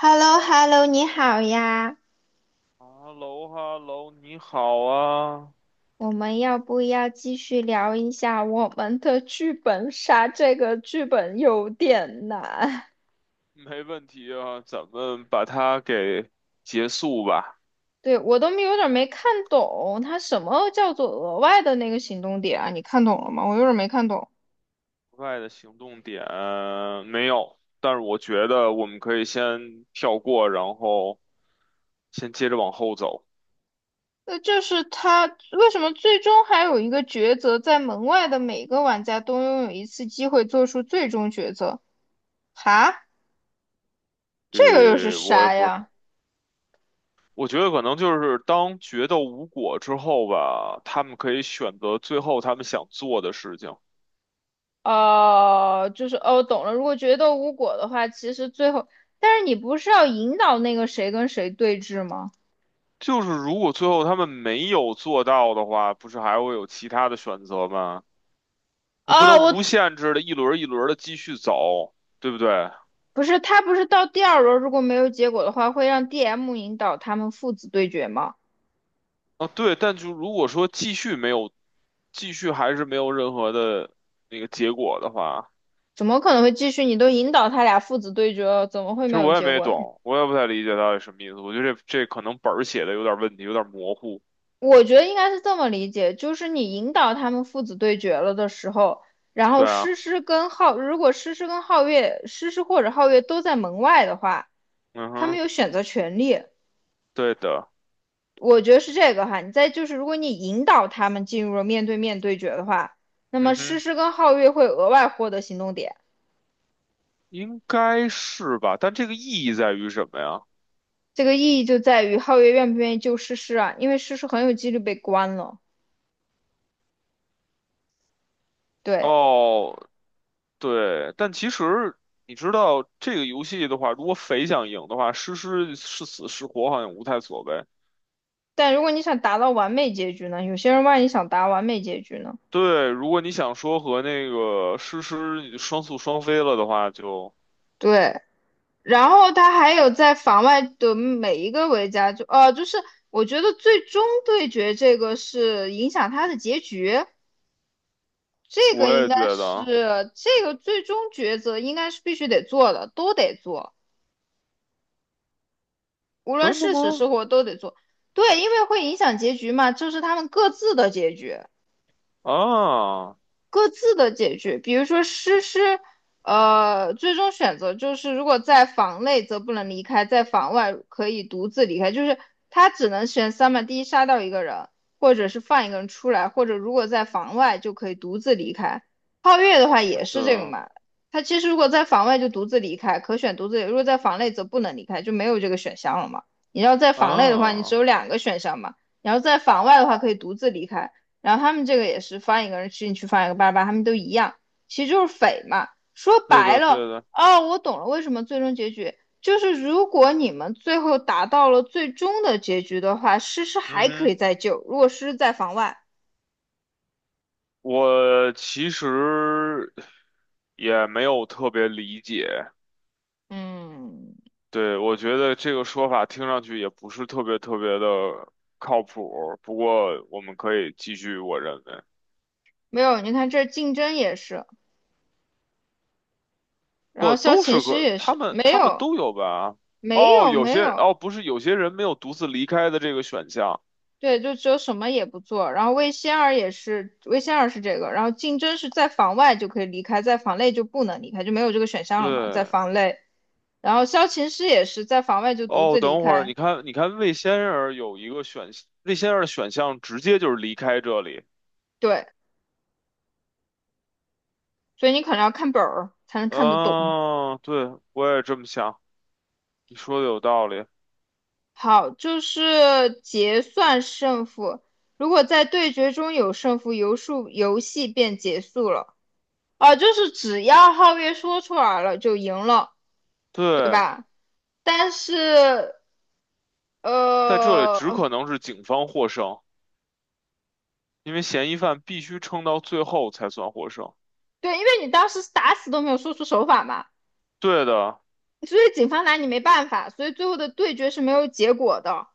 h e l l o h e l l o 你好呀，哈喽哈喽，你好啊，我们要不要继续聊一下我们的剧本杀？这个剧本有点难，没问题啊，咱们把它给结束吧。对，我都没有点没看懂，它什么叫做额外的那个行动点啊？你看懂了吗？我有点没看懂。国外的行动点没有，但是我觉得我们可以先跳过，然后先接着往后走。就是他为什么最终还有一个抉择，在门外的每个玩家都拥有一次机会做出最终抉择？哈，这个又是呃，我也啥不是，呀？我觉得可能就是当决斗无果之后吧，他们可以选择最后他们想做的事情。哦，就是哦，懂了。如果决斗无果的话，其实最后，但是你不是要引导那个谁跟谁对峙吗？就是如果最后他们没有做到的话，不是还会有其他的选择吗？你哦，不能我无限制的一轮一轮的继续走，对不对？不是，他不是到第二轮如果没有结果的话，会让 DM 引导他们父子对决吗？啊，对，但就如果说继续没有，继续还是没有任何的那个结果的话，怎么可能会继续？你都引导他俩父子对决了，怎么会其没实有我也结没果呢？懂，我也不太理解到底什么意思。我觉得这可能本儿写的有点问题，有点模糊。我觉得应该是这么理解，就是你引导他们父子对决了的时候，然对后诗啊，诗跟浩，如果诗诗跟皓月，诗诗或者皓月都在门外的话，嗯他们哼，有选择权利。对的，我觉得是这个哈，你再就是，如果你引导他们进入了面对面对决的话，那嗯么诗哼，诗跟皓月会额外获得行动点。应该是吧？但这个意义在于什么呀？这个意义就在于皓月愿不愿意救诗诗啊，因为诗诗很有几率被关了。对，哦，对，但其实你知道这个游戏的话，如果匪想赢的话，诗诗是死是活好像无太所谓。但如果你想达到完美结局呢？有些人万一想达完美结局呢？对，如果你想说和那个诗诗双宿双飞了的话，就对，然后他还有在房外的每一个维加就就是我觉得最终对决这个是影响他的结局。这我个应也该觉是得这个最终抉择，应该是必须得做的，都得做，无论真的是死吗？是活都得做。对，因为会影响结局嘛，这是他们各自的结局。啊，各自的解决。比如说诗诗，最终选择就是如果在房内则不能离开，在房外可以独自离开，就是他只能选三嘛，第一杀掉一个人，或者是放一个人出来，或者如果在房外就可以独自离开。皓月的话也对是这个嘛，他其实如果在房外就独自离开，可选独自离如果在房内则不能离开，就没有这个选项了嘛。你要在房内的话，你只啊，有两个选项嘛。你要在房外的话，可以独自离开。然后他们这个也是放一个人去进去，放一个八拉巴拉他们都一样，其实就是匪嘛。说对白的了，对的，哦，我懂了，为什么最终结局就是如果你们最后达到了最终的结局的话，诗诗嗯还可哼，以再救，如果诗诗在房外，我其实也没有特别理解，嗯，对，我觉得这个说法听上去也不是特别特别的靠谱，不过我们可以继续，我认为。没有，你看这竞争也是，然不后萧都琴是师个也他是，们没他们有，都有吧？没哦，有，有没些有，哦不是有些人没有独自离开的这个选项。对，就只有什么也不做。然后魏仙儿也是，魏仙儿是这个。然后竞争是在房外就可以离开，在房内就不能离开，就没有这个选项了嘛，在对，房内。然后萧琴师也是在房外就独哦，自离等会儿开，你看魏先生有一个选魏先生的选项直接就是离开这里。对，所以你可能要看本儿才能看得懂。嗯、对，我也这么想，你说的有道理。好，就是结算胜负。如果在对决中有胜负，游数游戏便结束了。啊，就是只要皓月说出来了就赢了，对对，吧？但是在这里呃，只可能是警方获胜，因为嫌疑犯必须撑到最后才算获胜。对，因为你当时是打死都没有说出手法嘛，对的，所以警方拿你没办法，所以最后的对决是没有结果的。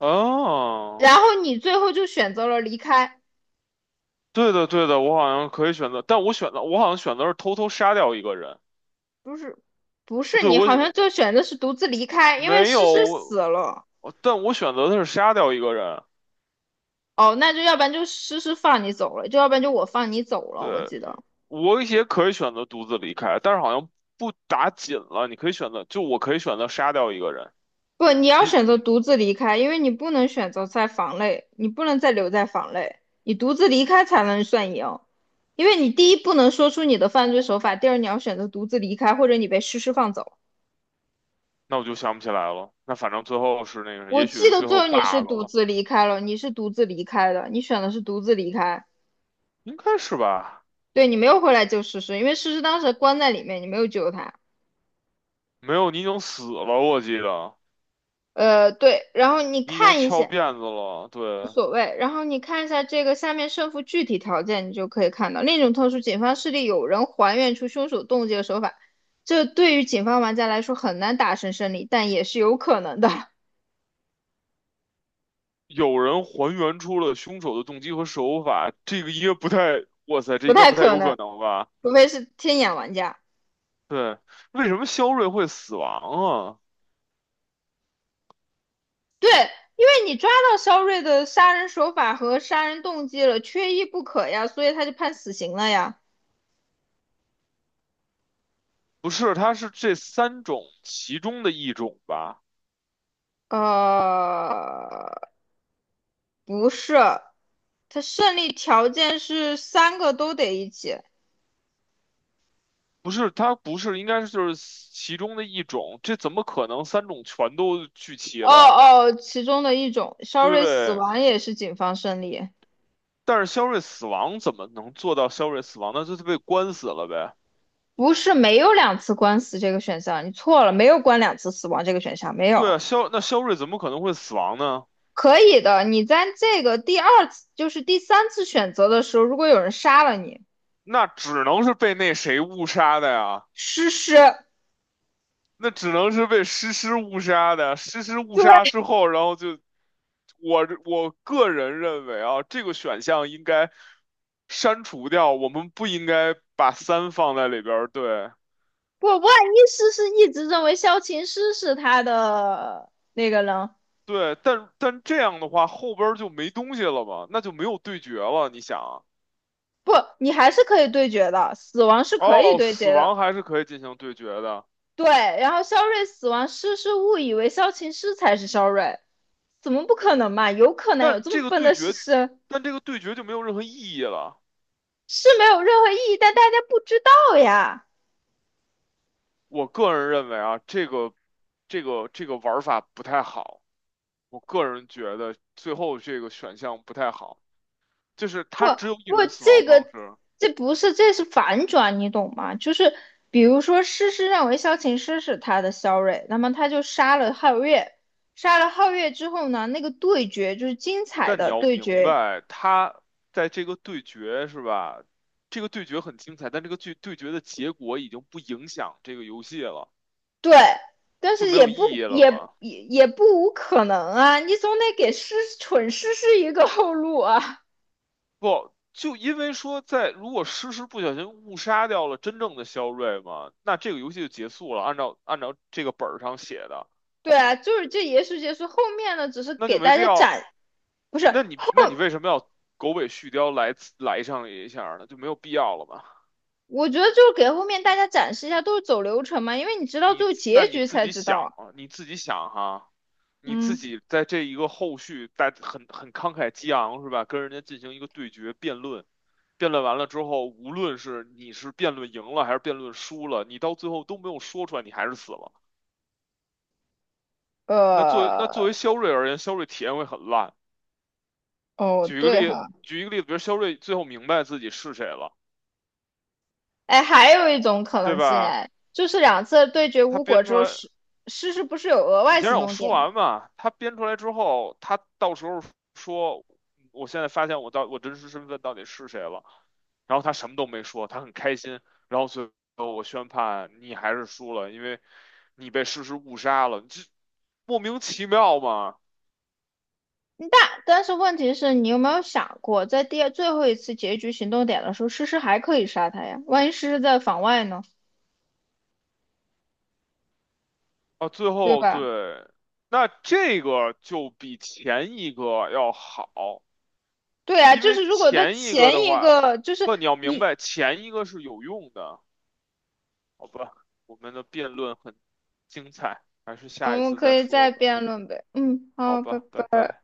哦。然后你最后就选择了离开，对的，对的，我好像可以选择，但我好像选择是偷偷杀掉一个人。不是，不是对，你我好选像就选择是独自离开，因为没诗诗死有，了。我但我选择的是杀掉一个人。哦，那就要不然就诗诗放你走了，就要不然就我放你走了，我对，记得。我也可以选择独自离开，但是好像不打紧了，你可以选择，就我可以选择杀掉一个人。不，你要你选择独自离开，因为你不能选择在房内，你不能再留在房内，你独自离开才能算赢。因为你第一不能说出你的犯罪手法，第二你要选择独自离开，或者你被诗诗放走。那我就想不起来了。那反正最后是那个，我也许记是得最最后 后 bug 你是独了，自离开了，你是独自离开的，你选的是独自离开，应该是吧？对你没有回来救诗诗，因为诗诗当时关在里面，你没有救她。没有，你已经死了，我记得对，然后你你已经看一翘下。辫子了。无对，所谓。然后你看一下这个下面胜负具体条件，你就可以看到另一种特殊，警方势力有人还原出凶手动机的手法，这对于警方玩家来说很难达成胜利，但也是有可能的，有人还原出了凶手的动机和手法，这个应该不太，哇塞，这不应该太不太可有可能，能吧？除非是天眼玩家。对，为什么肖瑞会死亡啊？对，因为你抓到肖瑞的杀人手法和杀人动机了，缺一不可呀，所以他就判死刑了呀。不是，他是这三种其中的一种吧？呃，不是，他胜利条件是三个都得一起。不是，他不是，应该是就是其中的一种，这怎么可能三种全都聚齐哦了？哦，其中的一种，对肖不瑞死对？亡也是警方胜利，但是肖瑞死亡怎么能做到肖瑞死亡呢那就是被关死了呗。不是没有两次官司这个选项，你错了，没有关两次死亡这个选项，没对有，啊，肖，那肖瑞怎么可能会死亡呢？可以的。你在这个第二次，就是第三次选择的时候，如果有人杀了你，那只能是被那谁误杀的呀？诗诗，那只能是被诗诗误杀的，诗诗误对，杀之后，然后就我个人认为啊，这个选项应该删除掉，我们不应该把三放在里边儿对不，万一诗诗一直认为萧琴诗是他的那个人，对，但但这样的话后边儿就没东西了嘛，那就没有对决了，你想啊，不，你还是可以对决的，死亡是可以哦，对死决亡的，还是可以进行对决的，对。然后肖瑞死亡，诗诗误以为萧琴诗才是肖瑞。怎么不可能嘛？有可能有但这这么个笨对的诗决，诗，但这个对决就没有任何意义了，是没有任何意义，但大家不知道呀。我个人认为啊，这个玩法不太好。我个人觉得最后这个选项不太好，就是不他只有一不，种死亡方式，这不是，这是反转，你懂吗？就是比如说，诗诗认为萧琴诗是他的萧睿，那么他就杀了皓月，杀了皓月之后呢，那个对决就是精彩但你的要对明决，白，他在这个对决是吧？这个对决很精彩，但这个对对决的结果已经不影响这个游戏了，对，但就是没也有不意义了也嘛？也也不无可能啊，你总得给诗蠢诗诗一个后路啊。不，就因为说在如果诗诗不小心误杀掉了真正的肖瑞嘛，那这个游戏就结束了，按照这个本儿上写的，对啊，就是这也许结束，后面呢，只是那就给没大必家要展，不是，那你那你为什么要狗尾续貂来上一下儿呢？就没有必要了吧？我觉得就是给后面大家展示一下，都是走流程嘛，因为你知道你最后那结你局自才己知想道。啊，你自己想哈，你自嗯，己在这一个后续在很慷慨激昂是吧？跟人家进行一个对决辩论，辩论完了之后，无论是你是辩论赢了还是辩论输了，你到最后都没有说出来，你还是死了。那作呃，为肖瑞而言，肖瑞体验会很烂。哦，对哈，举一个例子，比如肖瑞最后明白自己是谁了，哎，还有一种可对能性，吧？哎，就是两次对决他无果编出之后，来。诗不是有额你外先行让我动说点吗？完嘛。他编出来之后，他到时候说，我现在发现我真实身份到底是谁了。然后他什么都没说，他很开心。然后最后我宣判你还是输了，因为你被事实误杀了，你这莫名其妙嘛。但是问题是你有没有想过，在第二最后一次结局行动点的时候，诗诗还可以杀他呀？万一诗诗在房外呢？啊，最对后对，吧？那这个就比前一个要好，对啊，因就为是如果在前一个前的一话，个，就是不，你要明白，前一个是有用的。好吧，我们的辩论很精彩，还是我下一们次可再以说再吧。辩论呗。嗯，好好，拜吧，拜拜。拜。